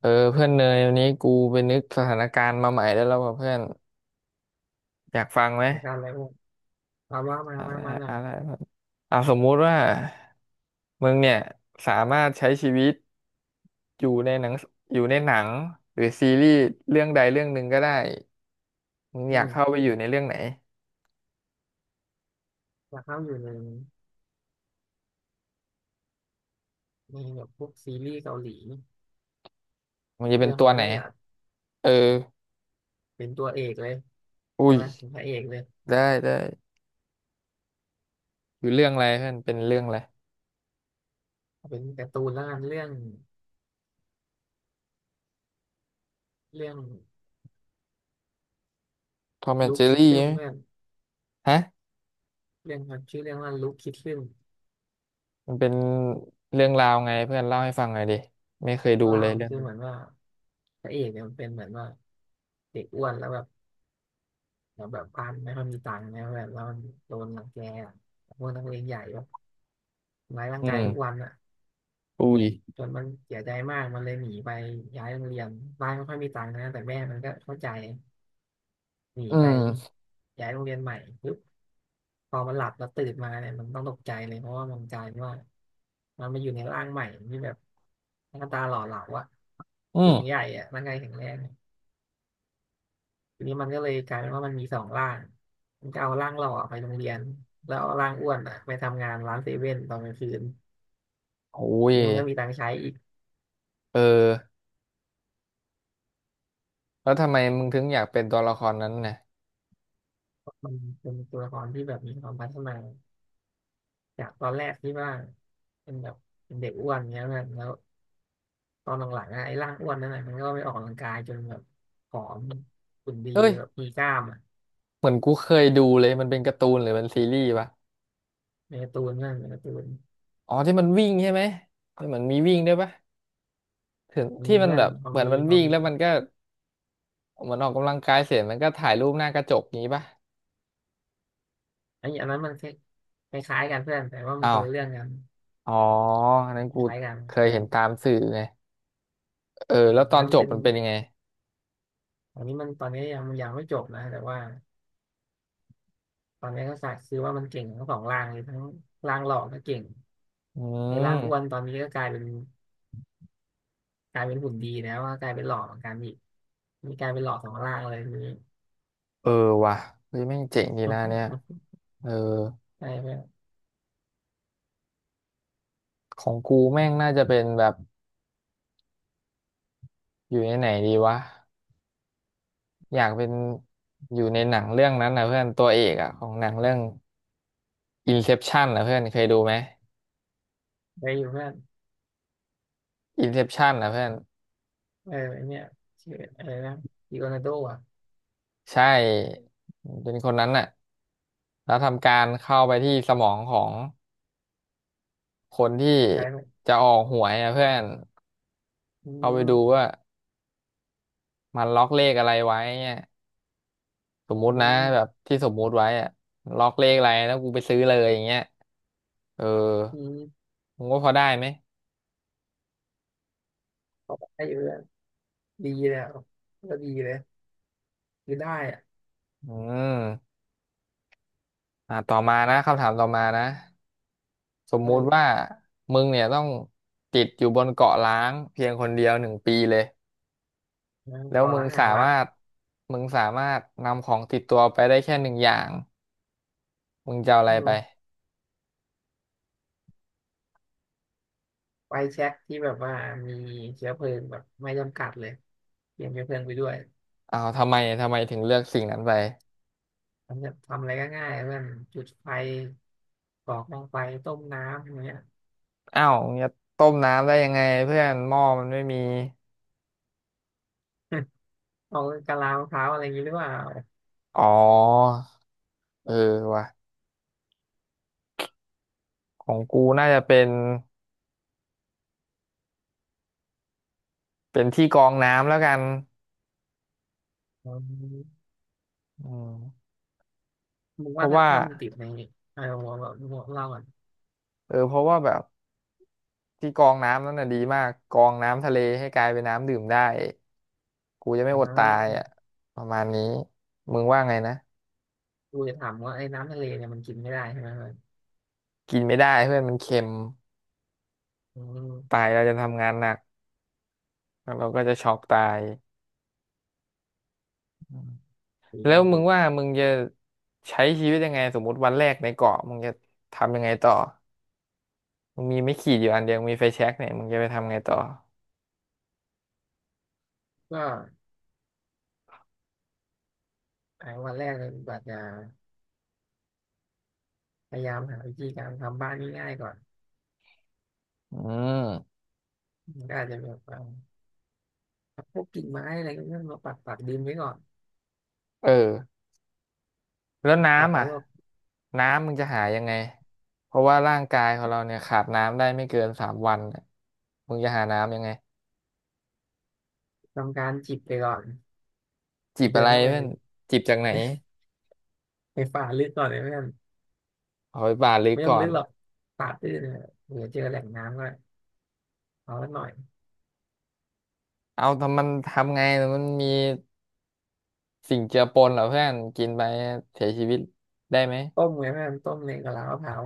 เออเพื่อนเนยวันนี้กูไปนึกสถานการณ์มาใหม่ได้แล้วว่ะเพื่อนอยากฟังไหมเหมือนกันเลยอ้วนเอาว่ามาเอะมาไรมาหน่อยอะไรเพื่อนอ่ะสมมุติว่ามึงเนี่ยสามารถใช้ชีวิตอยู่ในหนังอยู่ในหนังหรือซีรีส์เรื่องใดเรื่องหนึ่งก็ได้มึงอือยากมเข้าไปอยู่ในเรื่องไหนอยากเข้าอยู่ในแบบพวกซีรีส์เกาหลีมึงจะเป็เรื่นองตัอะวไรไหนได้อยากเออเป็นตัวเอกเลยใช่อุ้ยไหมเป็นพระเอกเลยได้ได้อยู่เรื่องอะไรเพื่อนเป็นเรื่องอะไรเอาเป็นการ์ตูนแล้วกันเรื่องทอมแอนด์ลูเจคอคิดรี่ซึมเพื่อนฮะเรื่องมันชื่อเรื่องว่าลูคคิดซึมมันเป็นเรื่องราวไงเพื่อนเล่าให้ฟังหน่อยดิไม่เคยเรื่อดูงราเลวยมันเรื่องคือนี้เหมือนว่าพระเอกเนี่ยมันเป็นเหมือนว่าเด็กอ้วนแล้วแบบแล้วแบบบ้านไม่ค่อยมีตังค์นะแบบแล้วมันโดนรังแกอะพวกนักเลงใหญ่แบบทำร้ายร่าอืงกายทุกวัม นอะ อุ้ยจนมันเสียใจมากมันเลยหนีไปย้ายโรงเรียนบ้านไม่ค่อยมีตังค์นะแต่แม่มันก็เข้าใจหนีอืไปมย้ายโรงเรียนใหม่ปุ๊บพอมันหลับแล้วตื่นมาเนี่ยมันต้องตกใจเลยเพราะว่ามันกลายเป็นว่ามันมาอยู่ในร่างใหม่ที่แบบหน้าตาหล่อเหลาอะอืสูมงใหญ่อะร่างกายแข็งแรงทีนี้มันก็เลยกลายเป็นว่ามันมีสองร่างมันก็เอาร่างหล่อไปโรงเรียนแล้วเอาร่างอ้วนอะไปทำงานร้านเซเว่นตอนกลางคืนโอ้ทียนี้มันก็มีตังค์ใช้อีกเออแล้วทำไมมึงถึงอยากเป็นตัวละครนั้นน่ะเพราะมันเป็นตัวละครที่แบบมีความพัฒนา จากตอนแรกที่ว่าเป็นแบบเป็นเด็กอ้วนเงี้ยแบแล้วตอนหลังๆอะไอ้ร่างอ้วนนั่นแหละมันก็ไม่ออกกำลังกายจนแบบผอมหุ่นดีเอ้ยแบบมีกล้ามอ่ะเหมือนกูเคยดูเลยมันเป็นการ์ตูนหรือมันซีรีส์ปะในการ์ตูนเพื่อนในการ์ตูนอ๋อที่มันวิ่งใช่ไหมที่มันมีวิ่งด้วยปะถึงที่มีมันเพื่อแบนบพอเหมือนมีมันพอวิ่งมีแล้วมันก็เหมือนออกกำลังกายเสร็จมันก็ถ่ายรูปหน้ากระจกงี้ปะไอ้อันนั้นมันคล้ายๆกันเพื่อนแต่ว่ามันอ้าควนละเรื่องกันอ๋ออันนั้นกูคล้ายกันเคคยล้ายเห็กันนตามสื่อไงเอออแล้มวตอันอนนั้นจมันบเป็นมันเป็นยังไงอันนี้มันตอนนี้ยังไม่จบนะแต่ว่าตอนนี้ก็สักคือว่ามันเก่งทั้งสองร่างเลยทั้งร่างหล่อก็เก่งอืไอ้ร่ามงอ้วนตอนนี้ก็กลายเป็น กลายเป็นหุ่นดีนะว่ากลายเป็นหล่อเหมือนกันอีกมีกลายเป็นหล่อสองล่างเลยทีนี้เออว่ะเฮ้ยแม่งเจ๋งดีนะเนี่ยเออไปเพื่อนของกูแม่งน่าจะเป็นแบบ อยู่ในไหนดีวะอยากเป็นอยู่ในหนังเรื่องนั้นนะเพื่อนตัวเอกอะของหนังเรื่อง Inception นะเพื่อนเคยดูไหม ไปอยู่เพื่อน Inception นะเพื่อนเออไอเนี่ยชื่ออะไรนะดิโอนาโดอ่ะใช่เป็นคนนั้นน่ะแล้วทำการเข้าไปที่สมองของคนที่กลายเปนจะออกหวยนะเพื่อนอืเข้าไปมดูว่ามันล็อกเลขอะไรไว้เนี่ยสมมุอืตินะมแบบที่สมมุติไว้อะล็อกเลขอะไรแล้วกูไปซื้อเลยอย่างเงี้ยเอออืมมึงว่าพอได้ไหมเขาไปอยู่เพื่อนดีเลยอะก็ดีเลยคือได้อ่ะอืม อ่าต่อมานะคำถามต่อมานะสมมุติว่าเออมึงเนี่ยต้องติดอยู่บนเกาะล้างเพียงคนเดียว1 ปีเลยแล้วต่อมึรังงห่าสางรัมากรถมึงสามารถนำของติดตัวไปได้แค่1 อย่างมึงจะเอาอะอืไรไปมไฟแช็คที่แบบว่ามีเชื้อเพลิงแบบไม่จำกัดเลยเตรียมเชื้อเพลิงไปด้วยอ้าวทำไมถึงเลือกสิ่งนั้นไปทำอะไรก็ง่ายเพื่อนจุดไฟกรอกกองไฟต้มน้ำอย่างเงี้ย อ้าวมึงจะต้มน้ำได้ยังไงเพื่อนหม้อมันไม่มีเอากะลามะพร้าวอะไรอย่างนี้หรือเปล่าอ๋อเออว่ะของกูน่าจะเป็นเป็นที่กรองน้ำแล้วกันอืมอืมมึงเพว่าราะถ้าว่าถ้ามันติดในเออหัวแบบหัวเราอ่ะเออเพราะว่าแบบ ที่กรองน้ำนั่นน่ะดีมากกรองน้ำทะเลให้กลายเป็นน้ำดื่มได้กูจะไม่อ๋อดตายออ่ะประมาณนี้มึงว่าไงนะกูจะถามว่าไอ้น้ำทะเลเนี่ยมันกินไม่ได้ใช่ไหมมันกินไม่ได้เพื่อนมันเค็มอืตามยเราจะทำงานหนักแล้วเราก็จะช็อกตายอืมจริแล้งวจมึริงงว่ามึงจะใช้ชีวิตยังไงสมมติวันแรกในเกาะมึงจะทำยังไงต่อมึงมีไม่ขีดอยู่อันเดียวมีไฟแช็กเนี่ยมึงจะไปทำไงต่อก็ไอ้วันแรกเลยบัดจะพยายามหาวิธีการทำบ้านง่ายๆก่อนอืมมันก็อาจจะแบบว่าพวกกิ่งไม้อะไรก็มาปักดินไว้ก่อนเออ แล้วปักน้ำไว้อ่ะว่าน้ำมึงจะหายังไงเพราะว่าร่างกายของเราเนี่ยขาดน้ำได้ไม่เกิน3 วันน่ะมึงจะหาน้ำยังไงทำการจิบไปก่อนจิกูบเดิอะนไรเข้าไปเพื่อในนจิบจากไหนฝ่าลึกก่อนเลยเพื่อนเอาไปบาทหรือไม่ต้องก่อลึนกหรอกป่าตื้นเนี่ยเดี๋ยวเจอแหล่งน้ำก็เอาละหน่อย เอาทำมันทำไงมันมีสิ่งเจือปนเหรอเพื่อนกินไปเสียชีวิตได้ไหมต้มไงแม่ต้มในกะลามะพร้าว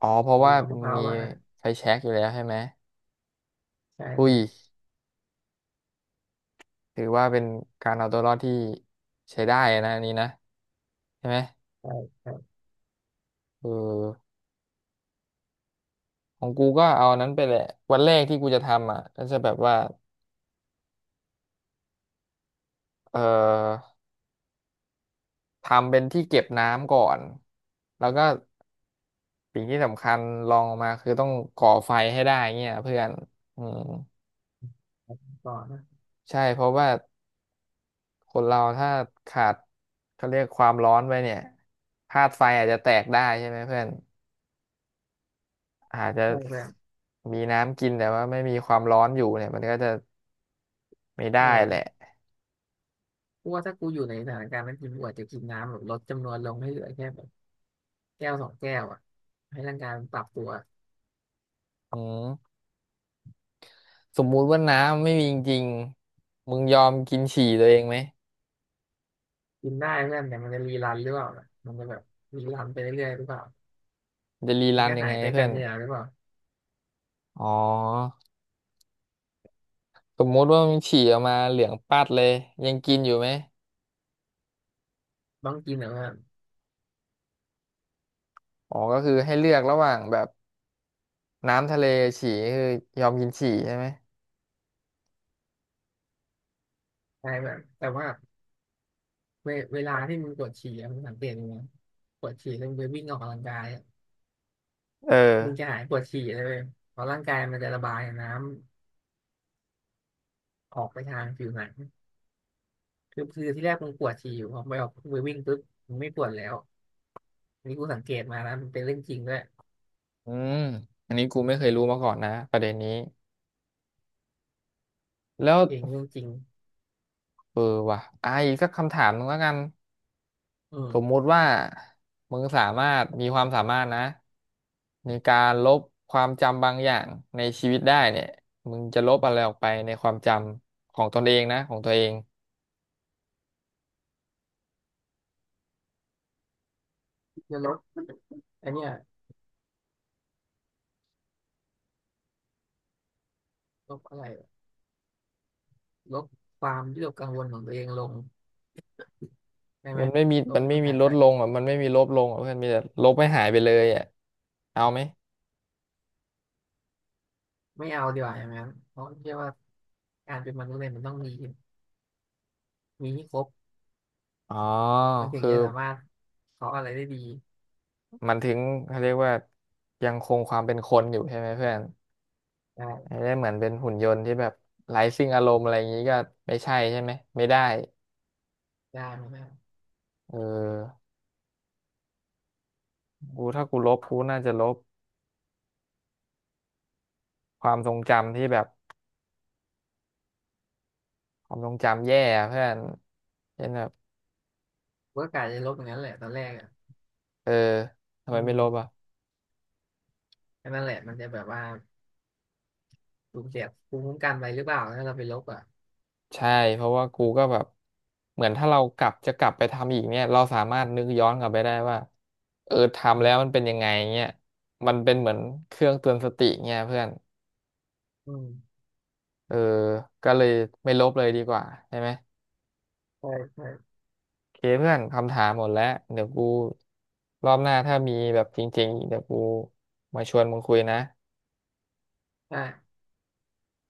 อ๋อเพราะเอาว่ามะพร้าวมีมาไฟแช็กอยู่แล้วใช่ไหมใช่อุ้คยรับถือว่าเป็นการเอาตัวรอดที่ใช้ได้นะอันนี้นะใช่ไหมใช่ใช่เออ ของกูก็เอาอันนั้นไปแหละวันแรกที่กูจะทำอ่ะก็จะแบบว่าเอ่อทำเป็นที่เก็บน้ำก่อนแล้วก็สิ่งที่สำคัญรองลงมาคือต้องก่อไฟให้ได้เงี้ยเพื่อนอืมครับก่อนนะใช่เพราะว่าคนเราถ้าขาดเขาเรียกความร้อนไปเนี่ยธาตุไฟอาจจะแตกได้ใช่ไหมเพื่อนอาจจะใช่เพื่อนมีน้ำกินแต่ว่าไม่มีความร้อนอยู่เนี่ยมันก็จะไม่เได้แหละออกูว่าถ้ากูอยู่ในสถานการณ์นั้นกูอาจจะกินน้ำแบบลดจำนวนลงให้เหลือแค่แบบแก้วสองแก้วอ่ะให้ร่างกายมันปรับตัวอืม สมมุติว่าน้ำไม่มีจริงๆมึงยอมกินฉี่ตัวเองไหมกินได้เพื่อนแต่มันจะรีรันหรือเปล่าล่ะมันจะแบบรีรันไปเรื่อยๆหรือเปล่าจะรีมัรันนก็ยังหาไงยไปเพื่กัอนนเนี่ยหรือเปล่าอ๋อสมมุติว่ามึงฉี่ออกมาเหลืองปัดเลยยังกินอยู่ไหมต้องกินเหรอเพื่อนอ๋อก็คือให้เลือกระหว่างแบบน้ำทะเลฉี่คือยอมกินฉี่ใช่ไหมใช่แบบแต่ว่าเวลาที่มึงปวดฉี่อะมึงสังเกตดูนะปวดฉี่แล้วมึงไปวิ่งออกกำลังกายอะเออมึงจะหายปวดฉี่เลยเว้ยเพราะร่างกายมันจะระบายน้ำ ออกไปทางผิวหนังคือที่แรกมึงปวดฉี่อยู่พอไปออกไปวิ่งปุ๊บมึงไม่ปวดแล้วอันนี้กูสังเกตมานะมันเป็นเรื่องจริงด้วยอืมอันนี้กูไม่เคยรู้มาก่อนนะประเด็นนี้แล้วเองเรื่องจริงเออว่ะอ่ะอีกสักคำถามหนึงแล้วกัน อืสมมุมติว่ามึงสามารถมีความสามารถนะในการลบความจำบางอย่างในชีวิตได้เนี่ยมึงจะลบอะไรออกไปในความจำของตนเองนะของตัวเองจะลดอนเนี้ยลบอะไรลบความวิตกกังวลของตัวเองลงได้ไหมมันไม่มีลบมันให้ไม่มันมีหายลไปดลงอ่ะมันไม่มีลบลงอ่ะเพื่อนมีแต่ลบให้หายไปเลยอ่ะเอาไหมไม่เอาดีกว่าอย่างนั้นเพราะเชื่อว่าการเป็นมนุษย์เนี่ยมันต้องมีมีให้ครบอ๋อมันถึงคือจะสามารถขออะไรได้ดีมันถึงเขาเรียกว่ายังคงความเป็นคนอยู่ใช่ไหมเพื่อนได้ไม่ได้เหมือนเป็นหุ่นยนต์ที่แบบไร้ซึ่งอารมณ์อะไรอย่างนี้ก็ไม่ใช่ใช่ไหมไม่ได้ได้ไหมครับเออ ถ้ากูลบกูน่าจะลบความทรงจำที่แบบความทรงจำแย่อะเพื่อนเช่นแบบเวิร์กการจะลบอย่างนั้นแหละตอนแรกอ่ะเออทำอืไมไม่ลบมอ่ะแค่นั้นแหละมันจะแบบว่าสูญเสียภูมิคุ้มกันไปหรือเปล่าถ้าเราไปลบอ่ะ ใช่เพราะว่ากูก็แบบเหมือนถ้าเรากลับจะกลับไปทำอีกเนี่ยเราสามารถนึกย้อนกลับไปได้ว่าเอออืทำแล้วมัมนเป็นยังไงเงี้ยมันเป็นเหมือนเครื่องเตือนสติเงี้ยเพื่อนอืมเออก็เลยไม่ลบเลยดีกว่าใช่ไหมใช่ใช่โอเคเพื่อนคำถามหมดแล้วเดี๋ยวกูรอบหน้าถ้ามีแบบจริงๆอีกเดี๋ยวกูมาชวนมึงคุยนะใช่